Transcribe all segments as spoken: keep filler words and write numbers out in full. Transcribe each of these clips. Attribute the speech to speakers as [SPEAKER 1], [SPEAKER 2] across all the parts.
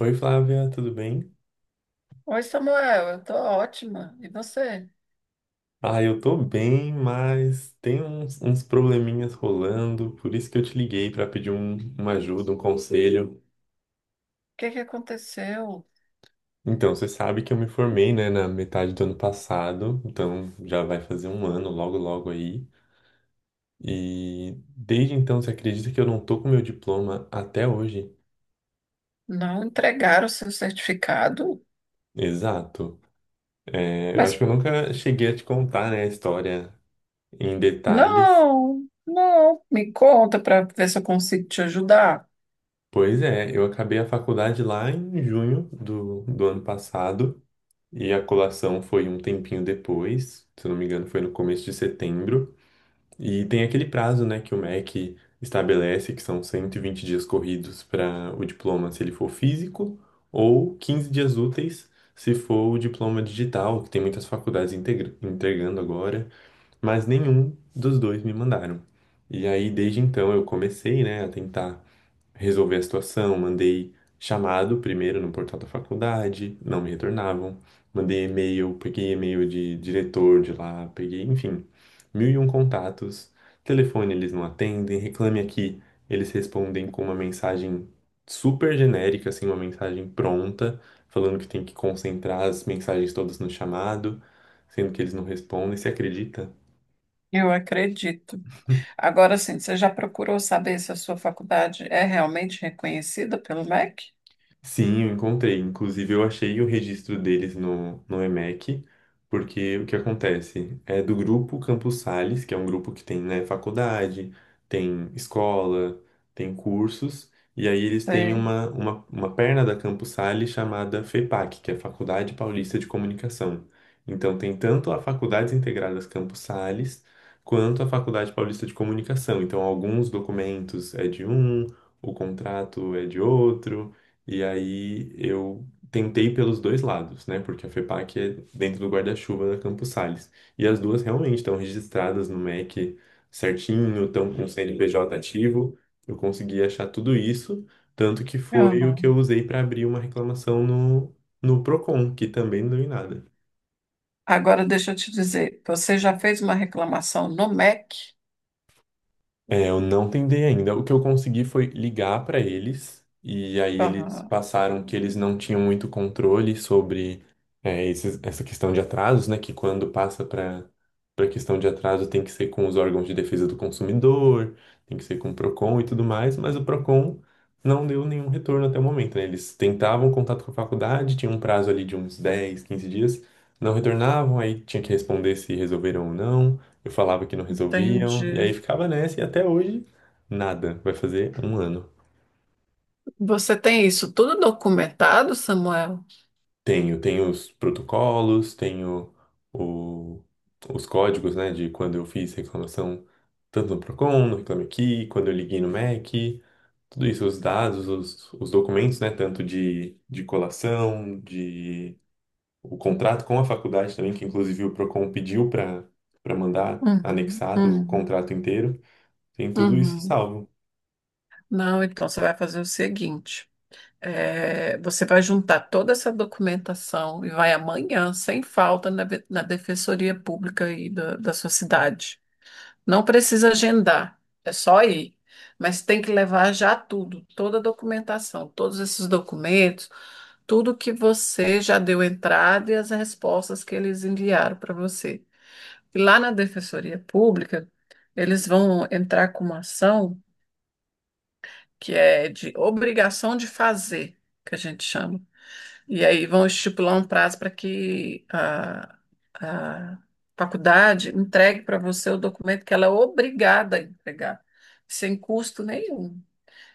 [SPEAKER 1] Oi, Flávia, tudo bem?
[SPEAKER 2] Oi, Samuel, eu tô ótima. E você?
[SPEAKER 1] Ah, eu tô bem, mas tem uns, uns probleminhas rolando, por isso que eu te liguei para pedir um- uma ajuda, um conselho.
[SPEAKER 2] O que que aconteceu?
[SPEAKER 1] Então, você sabe que eu me formei, né, na metade do ano passado, então já vai fazer um ano logo, logo aí. E desde então, você acredita que eu não tô com meu diploma até hoje?
[SPEAKER 2] Não entregaram o seu certificado?
[SPEAKER 1] Exato. É, eu acho que
[SPEAKER 2] Mas
[SPEAKER 1] eu nunca cheguei a te contar, né, a história em detalhes.
[SPEAKER 2] não, não. Me conta para ver se eu consigo te ajudar.
[SPEAKER 1] Pois é, eu acabei a faculdade lá em junho do, do ano passado e a colação foi um tempinho depois, se eu não me engano, foi no começo de setembro. E tem aquele prazo, né, que o M E C estabelece, que são cento e vinte dias corridos para o diploma se ele for físico, ou quinze dias úteis se for o diploma digital, que tem muitas faculdades integra- entregando agora, mas nenhum dos dois me mandaram. E aí, desde então, eu comecei, né, a tentar resolver a situação, mandei chamado primeiro no portal da faculdade, não me retornavam, mandei e-mail, peguei e-mail de diretor de lá, peguei, enfim, mil e um contatos, telefone eles não atendem, reclame aqui, eles respondem com uma mensagem super genérica, assim, uma mensagem pronta, falando que tem que concentrar as mensagens todas no chamado, sendo que eles não respondem, você acredita?
[SPEAKER 2] Eu acredito. Agora sim, você já procurou saber se a sua faculdade é realmente reconhecida pelo M E C?
[SPEAKER 1] Sim, eu encontrei. Inclusive, eu achei o registro deles no, no E M E C, porque o que acontece? É do grupo Campus Sales, que é um grupo que tem, né, faculdade, tem escola, tem cursos, e aí eles têm
[SPEAKER 2] Sei.
[SPEAKER 1] uma, uma, uma perna da Campus Sales chamada FEPAC, que é Faculdade Paulista de Comunicação. Então, tem tanto a Faculdades Integradas Campus Sales, quanto a Faculdade Paulista de Comunicação. Então, alguns documentos é de um, o contrato é de outro. E aí eu tentei pelos dois lados, né? Porque a FEPAC é dentro do guarda-chuva da Campos Sales. E as duas realmente estão registradas no M E C certinho, estão com o C N P J ativo. Eu consegui achar tudo isso, tanto que foi o que eu
[SPEAKER 2] Aham.
[SPEAKER 1] usei para abrir uma reclamação no, no Procon, que também não deu em nada.
[SPEAKER 2] Agora deixa eu te dizer, você já fez uma reclamação no M E C?
[SPEAKER 1] É, eu não tentei ainda. O que eu consegui foi ligar para eles, e aí eles
[SPEAKER 2] Aham,
[SPEAKER 1] passaram que eles não tinham muito controle sobre é, esses- essa questão de atrasos, né? Que quando passa para para questão de atraso tem que ser com os órgãos de defesa do consumidor, tem que ser com o Procon e tudo mais, mas o Procon não deu nenhum retorno até o momento, né? Eles tentavam contato com a faculdade, tinha um prazo ali de uns dez quinze dias, não retornavam, aí tinha que responder se resolveram ou não. Eu falava que não resolviam, e
[SPEAKER 2] entendi.
[SPEAKER 1] aí ficava nessa, e até hoje, nada. Vai fazer um ano.
[SPEAKER 2] Você tem isso tudo documentado, Samuel?
[SPEAKER 1] Tenho, tenho os protocolos, tenho o- os códigos, né, de quando eu fiz reclamação, tanto no Procon, no Reclame Aqui, quando eu liguei no M E C, tudo isso, os dados, os, os documentos, né, tanto de, de colação, de o contrato com a faculdade também, que inclusive o Procon pediu para para mandar
[SPEAKER 2] Uhum,
[SPEAKER 1] anexado o
[SPEAKER 2] uhum,
[SPEAKER 1] contrato inteiro. Tem tudo isso
[SPEAKER 2] uhum.
[SPEAKER 1] salvo.
[SPEAKER 2] Não, então você vai fazer o seguinte: é, você vai juntar toda essa documentação e vai amanhã, sem falta, na, ve- na Defensoria Pública aí da, da sua cidade. Não precisa agendar, é só ir. Mas tem que levar já tudo, toda a documentação, todos esses documentos, tudo que você já deu entrada e as respostas que eles enviaram para você. E lá na Defensoria Pública, eles vão entrar com uma ação, que é de obrigação de fazer, que a gente chama. E aí vão estipular um prazo para que a, a faculdade entregue para você o documento que ela é obrigada a entregar, sem custo nenhum.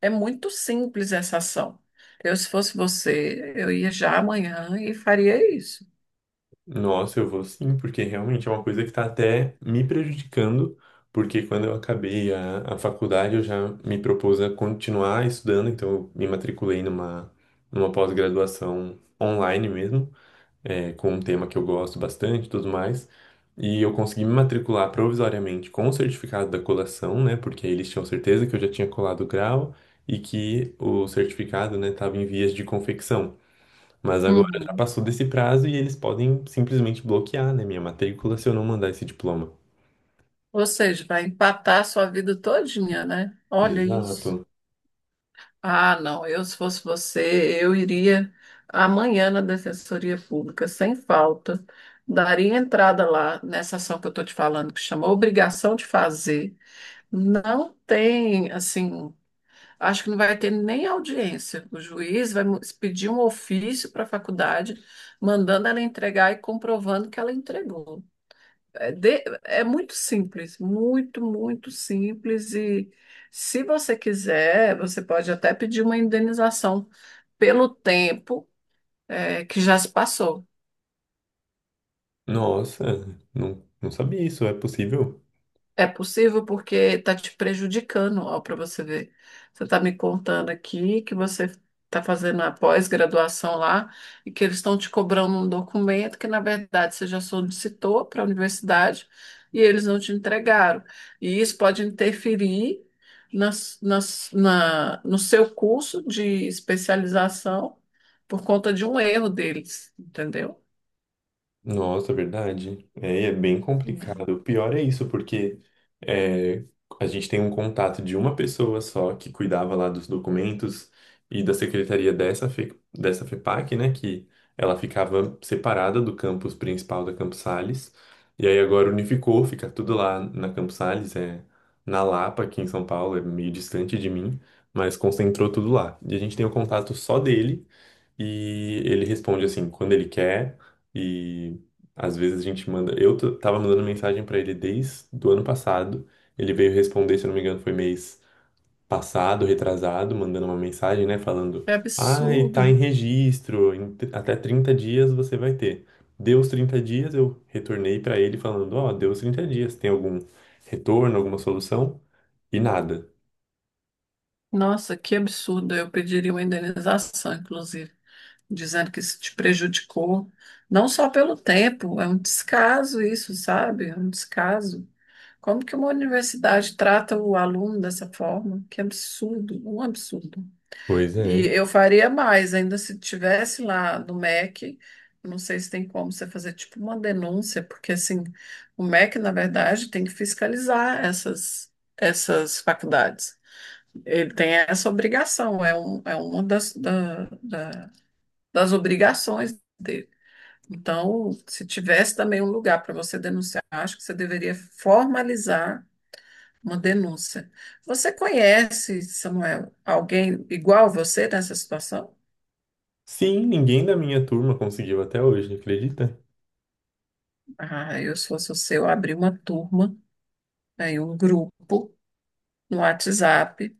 [SPEAKER 2] É muito simples essa ação. Eu, se fosse você, eu ia já amanhã e faria isso.
[SPEAKER 1] Nossa, eu vou sim, porque realmente é uma coisa que está até me prejudicando, porque quando eu acabei a, a faculdade eu já me propus a continuar estudando, então eu me matriculei numa, numa pós-graduação online mesmo, é, com um tema que eu gosto bastante e tudo mais, e eu consegui me matricular provisoriamente com o certificado da colação, né, porque eles tinham certeza que eu já tinha colado o grau e que o certificado, né, estava em vias de confecção. Mas agora já
[SPEAKER 2] Uhum.
[SPEAKER 1] passou desse prazo e eles podem simplesmente bloquear, né, minha matrícula se eu não mandar esse diploma.
[SPEAKER 2] Ou seja, vai empatar a sua vida todinha, né? Olha
[SPEAKER 1] Exato.
[SPEAKER 2] isso. Ah, não, eu se fosse você, eu iria amanhã na Defensoria Pública, sem falta, daria entrada lá nessa ação que eu estou te falando, que chama obrigação de fazer. Não tem, assim, acho que não vai ter nem audiência. O juiz vai mu- pedir um ofício para a faculdade, mandando ela entregar e comprovando que ela entregou. É, de- é muito simples, muito, muito simples. E se você quiser, você pode até pedir uma indenização pelo tempo, é, que já se passou.
[SPEAKER 1] Nossa, não, não sabia isso. É possível?
[SPEAKER 2] É possível porque está te prejudicando, ó, para você ver. Você está me contando aqui que você está fazendo a pós-graduação lá e que eles estão te cobrando um documento que, na verdade, você já solicitou para a universidade e eles não te entregaram. E isso pode interferir nas, nas, na, no seu curso de especialização por conta de um erro deles, entendeu?
[SPEAKER 1] Nossa, verdade. É, e é bem complicado. O pior é isso, porque é, a gente tem um contato de uma pessoa só que cuidava lá dos documentos e da secretaria dessa, Fe, dessa FEPAC, né? Que ela ficava separada do campus principal da Campos Sales. E aí agora unificou, fica tudo lá na Campos Sales, é na Lapa, aqui em São Paulo, é meio distante de mim, mas concentrou tudo lá. E a gente tem o contato só dele e ele responde assim, quando ele quer. E às vezes a gente manda. Eu t- tava mandando mensagem pra ele desde do ano passado. Ele veio responder, se eu não me engano, foi mês passado, retrasado, mandando uma mensagem, né? Falando:
[SPEAKER 2] É
[SPEAKER 1] Ai, tá em
[SPEAKER 2] absurdo.
[SPEAKER 1] registro, em t- até trinta dias você vai ter. Deu os trinta dias, eu retornei pra ele falando: Ó, deu os trinta dias, tem algum retorno, alguma solução? E nada.
[SPEAKER 2] Nossa, que absurdo. Eu pediria uma indenização, inclusive, dizendo que isso te prejudicou, não só pelo tempo, é um descaso isso, sabe? É um descaso. Como que uma universidade trata o aluno dessa forma? Que absurdo, um absurdo.
[SPEAKER 1] Pois é.
[SPEAKER 2] E eu faria mais, ainda se tivesse lá no M E C, não sei se tem como você fazer tipo uma denúncia, porque assim, o M E C, na verdade, tem que fiscalizar essas, essas faculdades. Ele tem essa obrigação, é, um, é uma das, da- da- das obrigações dele. Então, se tivesse também um lugar para você denunciar, acho que você deveria formalizar uma denúncia. Você conhece, Samuel, alguém igual a você nessa situação?
[SPEAKER 1] Sim, ninguém da minha turma conseguiu até hoje, acredita?
[SPEAKER 2] Ah, eu, se fosse você, eu abri uma turma, aí um grupo no WhatsApp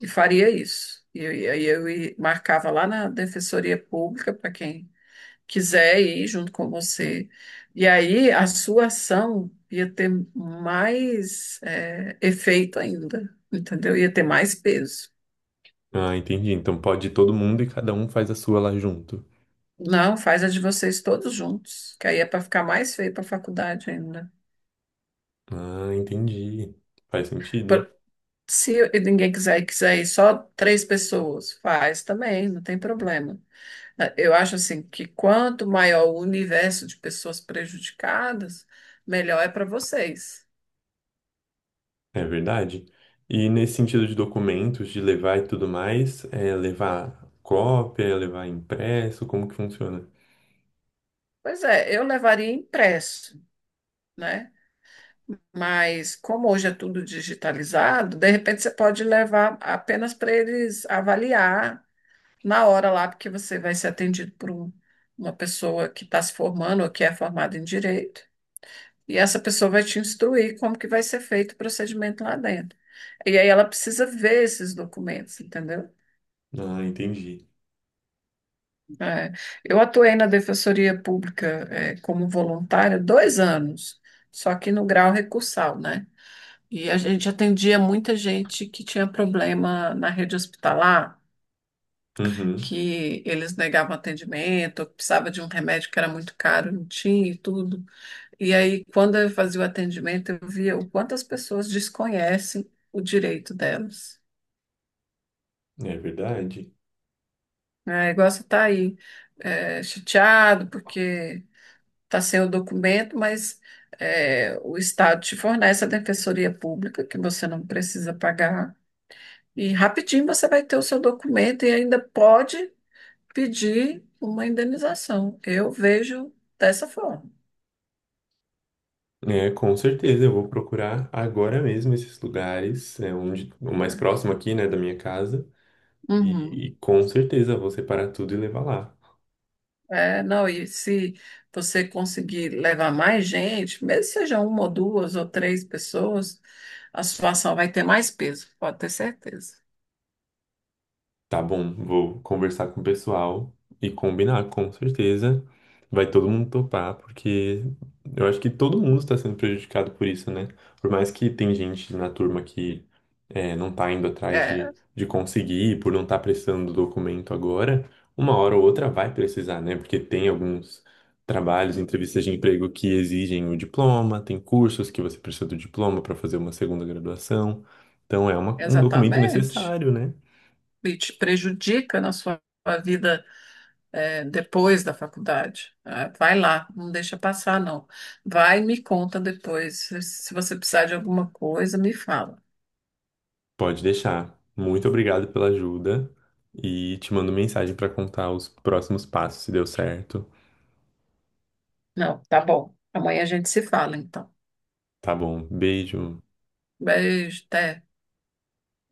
[SPEAKER 2] e faria isso. E eu, e aí eu, ia- Marcava lá na Defensoria Pública para quem quiser ir junto com você. E aí a sua ação ia ter mais, é, efeito ainda, entendeu? Ia ter mais peso.
[SPEAKER 1] Ah, entendi. Então pode ir todo mundo e cada um faz a sua lá junto.
[SPEAKER 2] Não, faz a de vocês todos juntos, que aí é para ficar mais feio para a faculdade ainda.
[SPEAKER 1] Ah, entendi. Faz sentido.
[SPEAKER 2] Por- Se ninguém quiser e quiser ir só três pessoas, faz também, não tem problema. É, Eu acho assim que, quanto maior o universo de pessoas prejudicadas, melhor é para vocês.
[SPEAKER 1] É verdade. E nesse sentido de documentos, de levar e tudo mais, é levar cópia, é levar impresso, como que funciona?
[SPEAKER 2] Pois é, eu levaria impresso, né? Mas como hoje é tudo digitalizado, de repente você pode levar apenas para eles avaliar na hora lá, porque você vai ser atendido por um- uma pessoa que está se formando ou que é formada em direito, e essa pessoa vai te instruir como que vai ser feito o procedimento lá dentro. E aí ela precisa ver esses documentos, entendeu?
[SPEAKER 1] Ah, entendi.
[SPEAKER 2] É, eu atuei na Defensoria Pública, é, como voluntária dois anos, só que no grau recursal, né? E a gente atendia muita gente que tinha problema na rede hospitalar,
[SPEAKER 1] Uhum,
[SPEAKER 2] que eles negavam atendimento, ou que precisava de um remédio que era muito caro, não tinha e tudo. E aí, quando eu fazia o atendimento, eu via o quanto as pessoas desconhecem o direito delas.
[SPEAKER 1] é verdade.
[SPEAKER 2] Né? É igual você está aí, é, chateado porque tá sem o documento, mas é, o Estado te fornece a defensoria pública, que você não precisa pagar. E rapidinho você vai ter o seu documento e ainda pode pedir uma indenização. Eu vejo dessa forma.
[SPEAKER 1] É, com certeza, eu vou procurar agora mesmo esses lugares, é, onde, o mais
[SPEAKER 2] Né?
[SPEAKER 1] próximo aqui, né, da minha casa, e,
[SPEAKER 2] Uhum.
[SPEAKER 1] e com certeza vou separar tudo e levar lá.
[SPEAKER 2] É, não, e se você conseguir levar mais gente, mesmo que seja uma ou duas ou três pessoas, a situação vai ter mais peso, pode ter certeza.
[SPEAKER 1] Tá bom, vou conversar com o pessoal e combinar, com certeza. Vai todo mundo topar, porque eu acho que todo mundo está sendo prejudicado por isso, né? Por mais que tem gente na turma que é, não tá indo atrás
[SPEAKER 2] É,
[SPEAKER 1] de, de conseguir, por não estar precisando do documento agora, uma hora ou outra vai precisar, né? Porque tem alguns trabalhos, entrevistas de emprego que exigem o diploma, tem cursos que você precisa do diploma para fazer uma segunda graduação. Então é uma- um documento
[SPEAKER 2] exatamente.
[SPEAKER 1] necessário, né?
[SPEAKER 2] E te prejudica na sua vida, é, depois da faculdade. Ah, vai lá, não deixa passar, não. Vai e me conta depois. Se se você precisar de alguma coisa, me fala.
[SPEAKER 1] Pode deixar. Muito obrigado pela ajuda e te mando mensagem para contar os próximos passos, se deu certo.
[SPEAKER 2] Não, tá bom. Amanhã a gente se fala, então.
[SPEAKER 1] Tá bom. Beijo.
[SPEAKER 2] Beijo, até.